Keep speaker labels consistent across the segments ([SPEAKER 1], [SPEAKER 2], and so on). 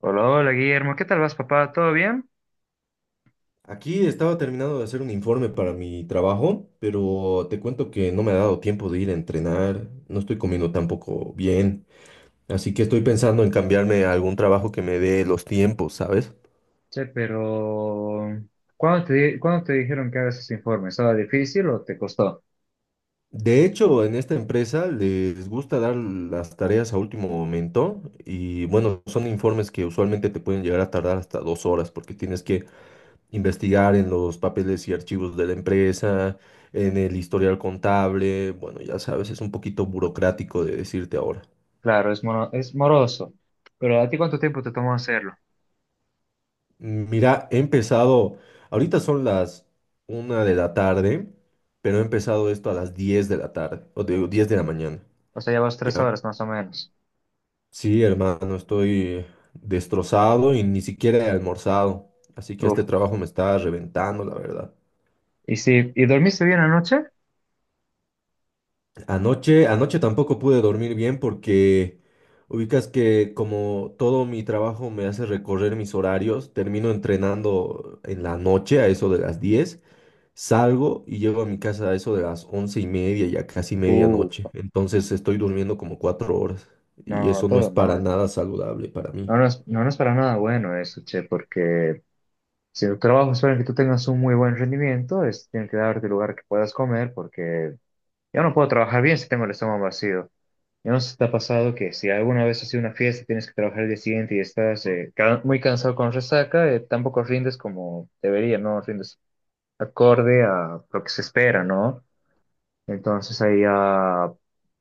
[SPEAKER 1] Hola, hola Guillermo, ¿qué tal vas, papá? ¿Todo bien?
[SPEAKER 2] Aquí estaba terminando de hacer un informe para mi trabajo, pero te cuento que no me ha dado tiempo de ir a entrenar, no estoy comiendo tampoco bien, así que estoy pensando en cambiarme a algún trabajo que me dé los tiempos, ¿sabes?
[SPEAKER 1] Che, pero ¿cuándo te dijeron que hagas ese informe? ¿Estaba difícil o te costó?
[SPEAKER 2] De hecho, en esta empresa les gusta dar las tareas a último momento y bueno, son informes que usualmente te pueden llegar a tardar hasta 2 horas porque tienes que investigar en los papeles y archivos de la empresa, en el historial contable, bueno, ya sabes, es un poquito burocrático de decirte ahora.
[SPEAKER 1] Claro, es moroso, pero ¿a ti cuánto tiempo te tomó hacerlo?
[SPEAKER 2] Mira, he empezado, ahorita son las 1 de la tarde, pero he empezado esto a las 10 de la tarde, o digo,
[SPEAKER 1] Sí.
[SPEAKER 2] 10 de la mañana,
[SPEAKER 1] O sea, ya vas tres
[SPEAKER 2] ¿ya?
[SPEAKER 1] horas más o menos.
[SPEAKER 2] Sí, hermano, estoy destrozado y ni siquiera he almorzado, así que
[SPEAKER 1] Uf.
[SPEAKER 2] este trabajo me está reventando, la verdad.
[SPEAKER 1] ¿Y dormiste bien anoche?
[SPEAKER 2] Anoche tampoco pude dormir bien porque ubicas que como todo mi trabajo me hace recorrer mis horarios, termino entrenando en la noche a eso de las 10, salgo y llego a mi casa a eso de las 11:30, ya casi medianoche.
[SPEAKER 1] Uh,
[SPEAKER 2] Entonces estoy durmiendo como 4 horas y
[SPEAKER 1] no,
[SPEAKER 2] eso no es
[SPEAKER 1] todo
[SPEAKER 2] para
[SPEAKER 1] mal.
[SPEAKER 2] nada saludable para mí.
[SPEAKER 1] No, no es para nada bueno eso, che, porque si tu trabajo espera que tú tengas un muy buen rendimiento, es, tienen que darte lugar que puedas comer, porque yo no puedo trabajar bien si tengo el estómago vacío. Yo no sé si pasado que si alguna vez has ido una fiesta, tienes que trabajar el día siguiente y estás muy cansado con resaca, tampoco rindes como debería, ¿no? Rindes acorde a lo que se espera, ¿no? Entonces ahí ya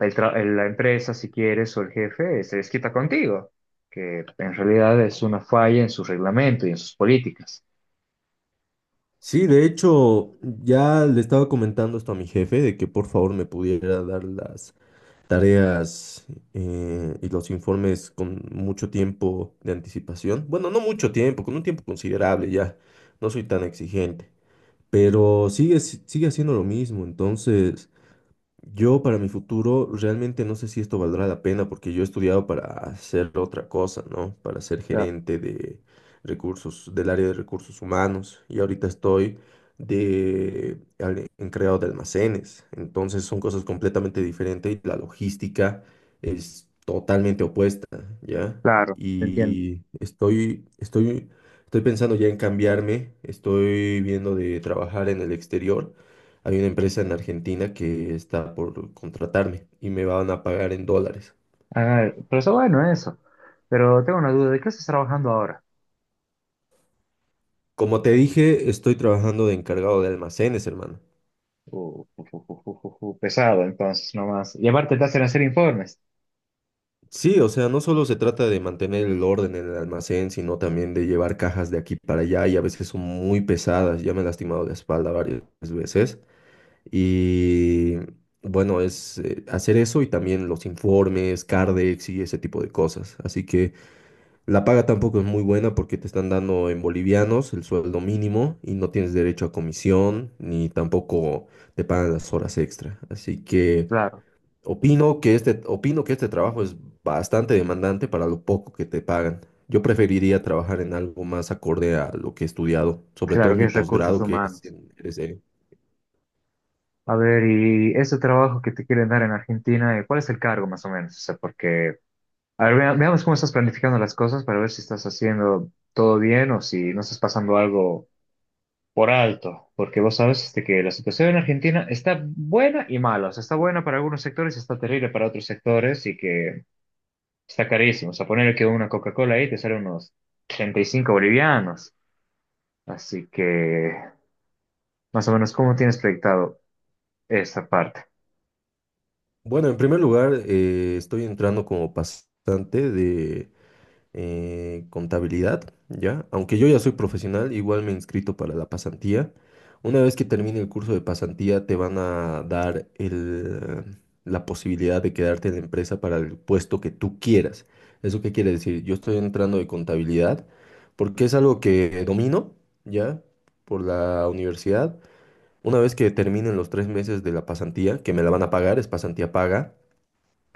[SPEAKER 1] la empresa, si quieres, o el jefe, se desquita contigo, que en realidad es una falla en su reglamento y en sus políticas.
[SPEAKER 2] Sí, de hecho, ya le estaba comentando esto a mi jefe de que por favor me pudiera dar las tareas, y los informes con mucho tiempo de anticipación. Bueno, no mucho tiempo, con un tiempo considerable ya. No soy tan exigente, pero sigue, si- sigue haciendo lo mismo. Entonces, yo para mi futuro realmente no sé si esto valdrá la pena porque yo he estudiado para hacer otra cosa, ¿no? Para ser
[SPEAKER 1] Ya,
[SPEAKER 2] gerente de recursos, del área de recursos humanos y ahorita estoy en creado de almacenes. Entonces son cosas completamente diferentes y la logística es totalmente opuesta, ¿ya?
[SPEAKER 1] claro, te entiendo.
[SPEAKER 2] Y estoy pensando ya en cambiarme, estoy viendo de trabajar en el exterior, hay una empresa en Argentina que está por contratarme y me van a pagar en dólares.
[SPEAKER 1] Ah, pero eso bueno eso. Pero tengo una duda, ¿de qué estás trabajando ahora?
[SPEAKER 2] Como te dije, estoy trabajando de encargado de almacenes, hermano.
[SPEAKER 1] Pesado, entonces, nomás. Y aparte te hacen hacer informes.
[SPEAKER 2] Sí, o sea, no solo se trata de mantener el orden en el almacén, sino también de llevar cajas de aquí para allá y a veces son muy pesadas. Ya me he lastimado la espalda varias veces. Y bueno, es hacer eso y también los informes, Cardex y ese tipo de cosas. Así que... La paga tampoco es muy buena porque te están dando en bolivianos el sueldo mínimo y no tienes derecho a comisión ni tampoco te pagan las horas extra. Así que
[SPEAKER 1] Claro,
[SPEAKER 2] opino que este trabajo es bastante demandante para lo poco que te pagan. Yo preferiría trabajar en algo más acorde a lo que he estudiado, sobre todo
[SPEAKER 1] claro que
[SPEAKER 2] mi
[SPEAKER 1] es recursos
[SPEAKER 2] posgrado que es
[SPEAKER 1] humanos.
[SPEAKER 2] en RCE.
[SPEAKER 1] A ver, y ese trabajo que te quieren dar en Argentina, ¿cuál es el cargo más o menos? O sea, porque, a ver, veamos cómo estás planificando las cosas para ver si estás haciendo todo bien o si no estás pasando algo por alto, porque vos sabes este, que la situación en Argentina está buena y mala, o sea, está buena para algunos sectores y está terrible para otros sectores y que está carísimo. O sea, poner que una Coca-Cola ahí te sale unos 35 bolivianos. Así que, más o menos, ¿cómo tienes proyectado esa parte?
[SPEAKER 2] Bueno, en primer lugar, estoy entrando como pasante, contabilidad, ¿ya? Aunque yo ya soy profesional, igual me he inscrito para la pasantía. Una vez que termine el curso de pasantía, te van a dar el, la posibilidad de quedarte en la empresa para el puesto que tú quieras. ¿Eso qué quiere decir? Yo estoy entrando de contabilidad porque es algo que domino, ¿ya? Por la universidad. Una vez que terminen los 3 meses de la pasantía, que me la van a pagar, es pasantía paga,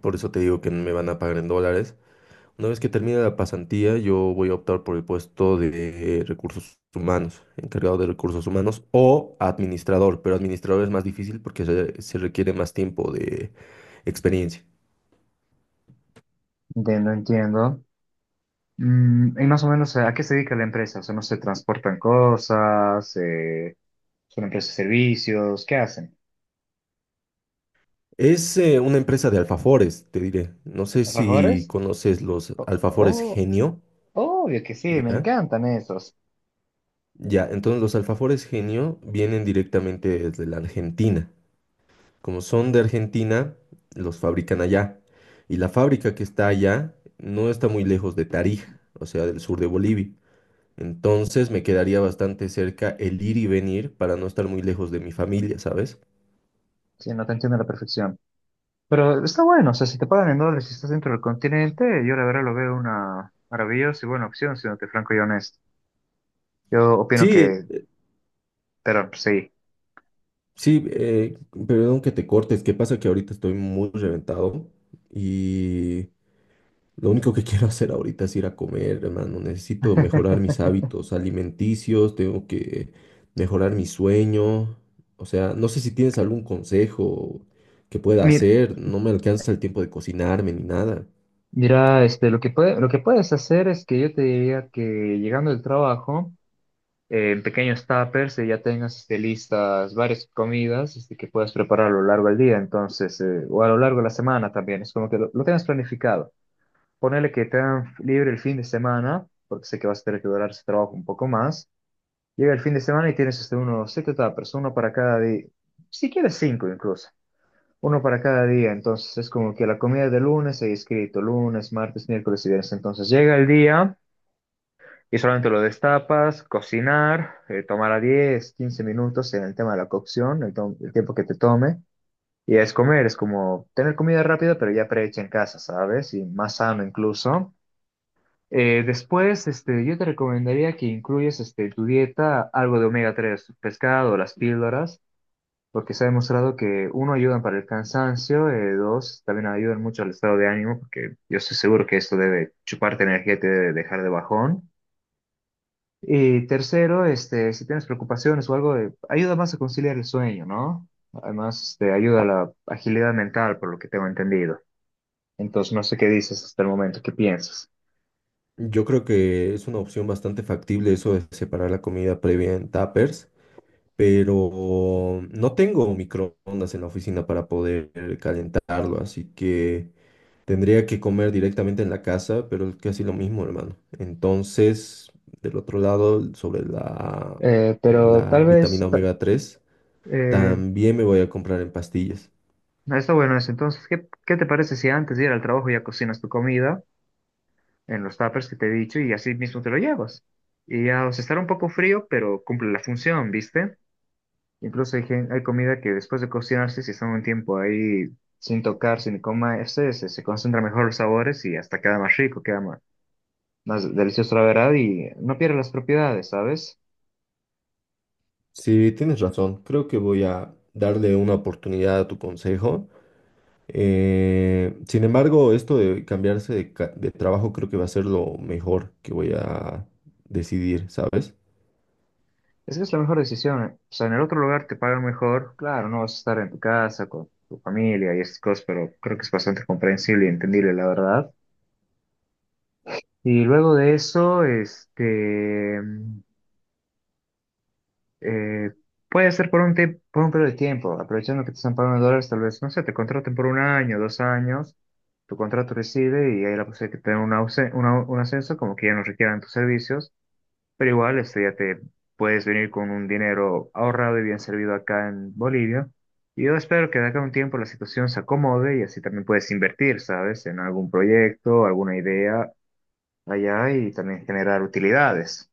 [SPEAKER 2] por eso te digo que me van a pagar en dólares. Una vez que termine la pasantía, yo voy a optar por el puesto de recursos humanos, encargado de recursos humanos o administrador, pero administrador es más difícil porque se requiere más tiempo de experiencia.
[SPEAKER 1] Entiendo, entiendo. Y más o menos, ¿a qué se dedica la empresa? O sea, ¿no se transportan cosas? ¿Son empresas de servicios? ¿Qué hacen?
[SPEAKER 2] Es una empresa de alfafores, te diré. No sé si
[SPEAKER 1] ¿Trabajadores?
[SPEAKER 2] conoces los
[SPEAKER 1] Oh,
[SPEAKER 2] alfafores
[SPEAKER 1] oh,
[SPEAKER 2] genio,
[SPEAKER 1] obvio que sí, me
[SPEAKER 2] ¿ya?
[SPEAKER 1] encantan esos.
[SPEAKER 2] Ya, entonces los alfafores genio vienen directamente desde la Argentina. Como son de Argentina, los fabrican allá. Y la fábrica que está allá no está muy lejos de Tarija, o sea, del sur de Bolivia. Entonces me quedaría bastante cerca el ir y venir para no estar muy lejos de mi familia, ¿sabes?
[SPEAKER 1] Sí, no te entiendo a la perfección. Pero está bueno, o sea, si te pagan en dólares y estás dentro del continente, yo la verdad lo veo una maravillosa y buena opción, siéndote franco y honesto. Yo opino
[SPEAKER 2] Sí,
[SPEAKER 1] que, pero sí.
[SPEAKER 2] sí, perdón que te cortes. ¿Qué pasa? Que ahorita estoy muy reventado, y lo único que quiero hacer ahorita es ir a comer, hermano. Necesito mejorar mis hábitos alimenticios, tengo que mejorar mi sueño. O sea, no sé si tienes algún consejo que pueda
[SPEAKER 1] Mira,
[SPEAKER 2] hacer. No me alcanza el tiempo de cocinarme ni nada.
[SPEAKER 1] mira, este, lo que puedes hacer es que yo te diría que llegando del trabajo, en pequeños tuppers, ya tengas este, listas varias comidas este, que puedas preparar a lo largo del día, entonces, o a lo largo de la semana también, es como que lo tengas planificado. Ponele que te dan libre el fin de semana, porque sé que vas a tener que durar ese trabajo un poco más. Llega el fin de semana y tienes hasta siete tapas uno para cada día, si quieres cinco incluso, uno para cada día. Entonces es como que la comida de lunes hay escrito, lunes, martes, miércoles y viernes. Entonces llega el día y solamente lo destapas, cocinar, tomará 10 15 minutos en el tema de la cocción, el tiempo que te tome. Y es comer, es como tener comida rápida, pero ya prehecha en casa, ¿sabes? Y más sano incluso. Después, este, yo te recomendaría que incluyas este, tu dieta algo de omega 3 pescado, las píldoras, porque se ha demostrado que uno ayudan para el cansancio, dos también ayudan mucho al estado de ánimo, porque yo estoy seguro que esto debe chuparte energía y te debe dejar de bajón. Y tercero, este, si tienes preocupaciones o algo, ayuda más a conciliar el sueño, ¿no? Además, este, ayuda a la agilidad mental, por lo que tengo entendido. Entonces, no sé qué dices hasta el momento, qué piensas.
[SPEAKER 2] Yo creo que es una opción bastante factible eso de separar la comida previa en tuppers, pero no tengo microondas en la oficina para poder calentarlo, así que... Tendría que comer directamente en la casa, pero es casi lo mismo, hermano. Entonces, del otro lado, sobre la,
[SPEAKER 1] Eh, pero
[SPEAKER 2] la
[SPEAKER 1] tal vez...
[SPEAKER 2] vitamina
[SPEAKER 1] ta-
[SPEAKER 2] omega 3,
[SPEAKER 1] eh,
[SPEAKER 2] también me voy a comprar en pastillas.
[SPEAKER 1] No, está bueno eso. Entonces, ¿qué, qué te parece si antes de ir al trabajo ya cocinas tu comida en los tuppers que te he dicho y así mismo te lo llevas? Y ya, o sea, estará un poco frío, pero cumple la función, ¿viste? Incluso hay comida que después de cocinarse, si están un tiempo ahí sin tocar, sin comerse, se concentran mejor los sabores y hasta queda más rico, queda más, delicioso la verdad y no pierde las propiedades, ¿sabes?
[SPEAKER 2] Sí, tienes razón. Creo que voy a darle una oportunidad a tu consejo. Sin embargo, esto de de trabajo creo que va a ser lo mejor que voy a decidir, ¿sabes?
[SPEAKER 1] Es que es la mejor decisión. Eh. O sea, en el otro lugar te pagan mejor. Claro, no vas a estar en tu casa con tu familia y estas cosas, pero creo que es bastante comprensible y entendible, la verdad. Y luego de eso, este, eh, puede ser por un periodo de tiempo, aprovechando que te están pagando en dólares, tal vez, no sé, te contraten por 1 año, 2 años, tu contrato recibe y hay la posibilidad de que te den un ascenso, como que ya no requieran tus servicios. Pero igual, este, ya te puedes venir con un dinero ahorrado y bien servido acá en Bolivia. Y yo espero que de acá a un tiempo la situación se acomode y así también puedes invertir, ¿sabes? En algún proyecto, alguna idea allá y también generar utilidades.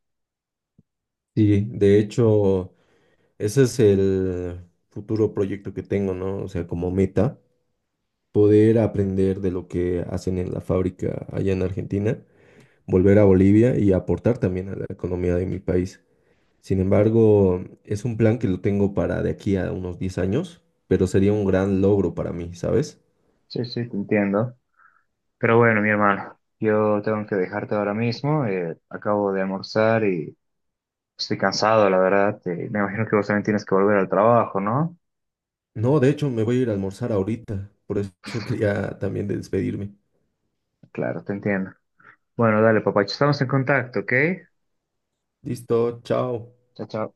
[SPEAKER 2] Sí, de hecho... Ese es el futuro proyecto que tengo, ¿no? O sea, como meta, poder aprender de lo que hacen en la fábrica allá en Argentina, volver a Bolivia y aportar también a la economía de mi país. Sin embargo, es un plan que lo tengo para de aquí a unos 10 años, pero sería un gran logro para mí, ¿sabes?
[SPEAKER 1] Sí, sí, te entiendo. Pero bueno, mi hermano, yo tengo que dejarte ahora mismo. Acabo de almorzar y estoy cansado, la verdad. Me imagino que vos también tienes que volver al trabajo, ¿no?
[SPEAKER 2] No, de hecho, me voy a ir a almorzar ahorita, por eso quería también despedirme.
[SPEAKER 1] Claro, te entiendo. Bueno, dale, papacho, estamos en contacto, ¿ok?
[SPEAKER 2] Listo, chao.
[SPEAKER 1] Chao, chao.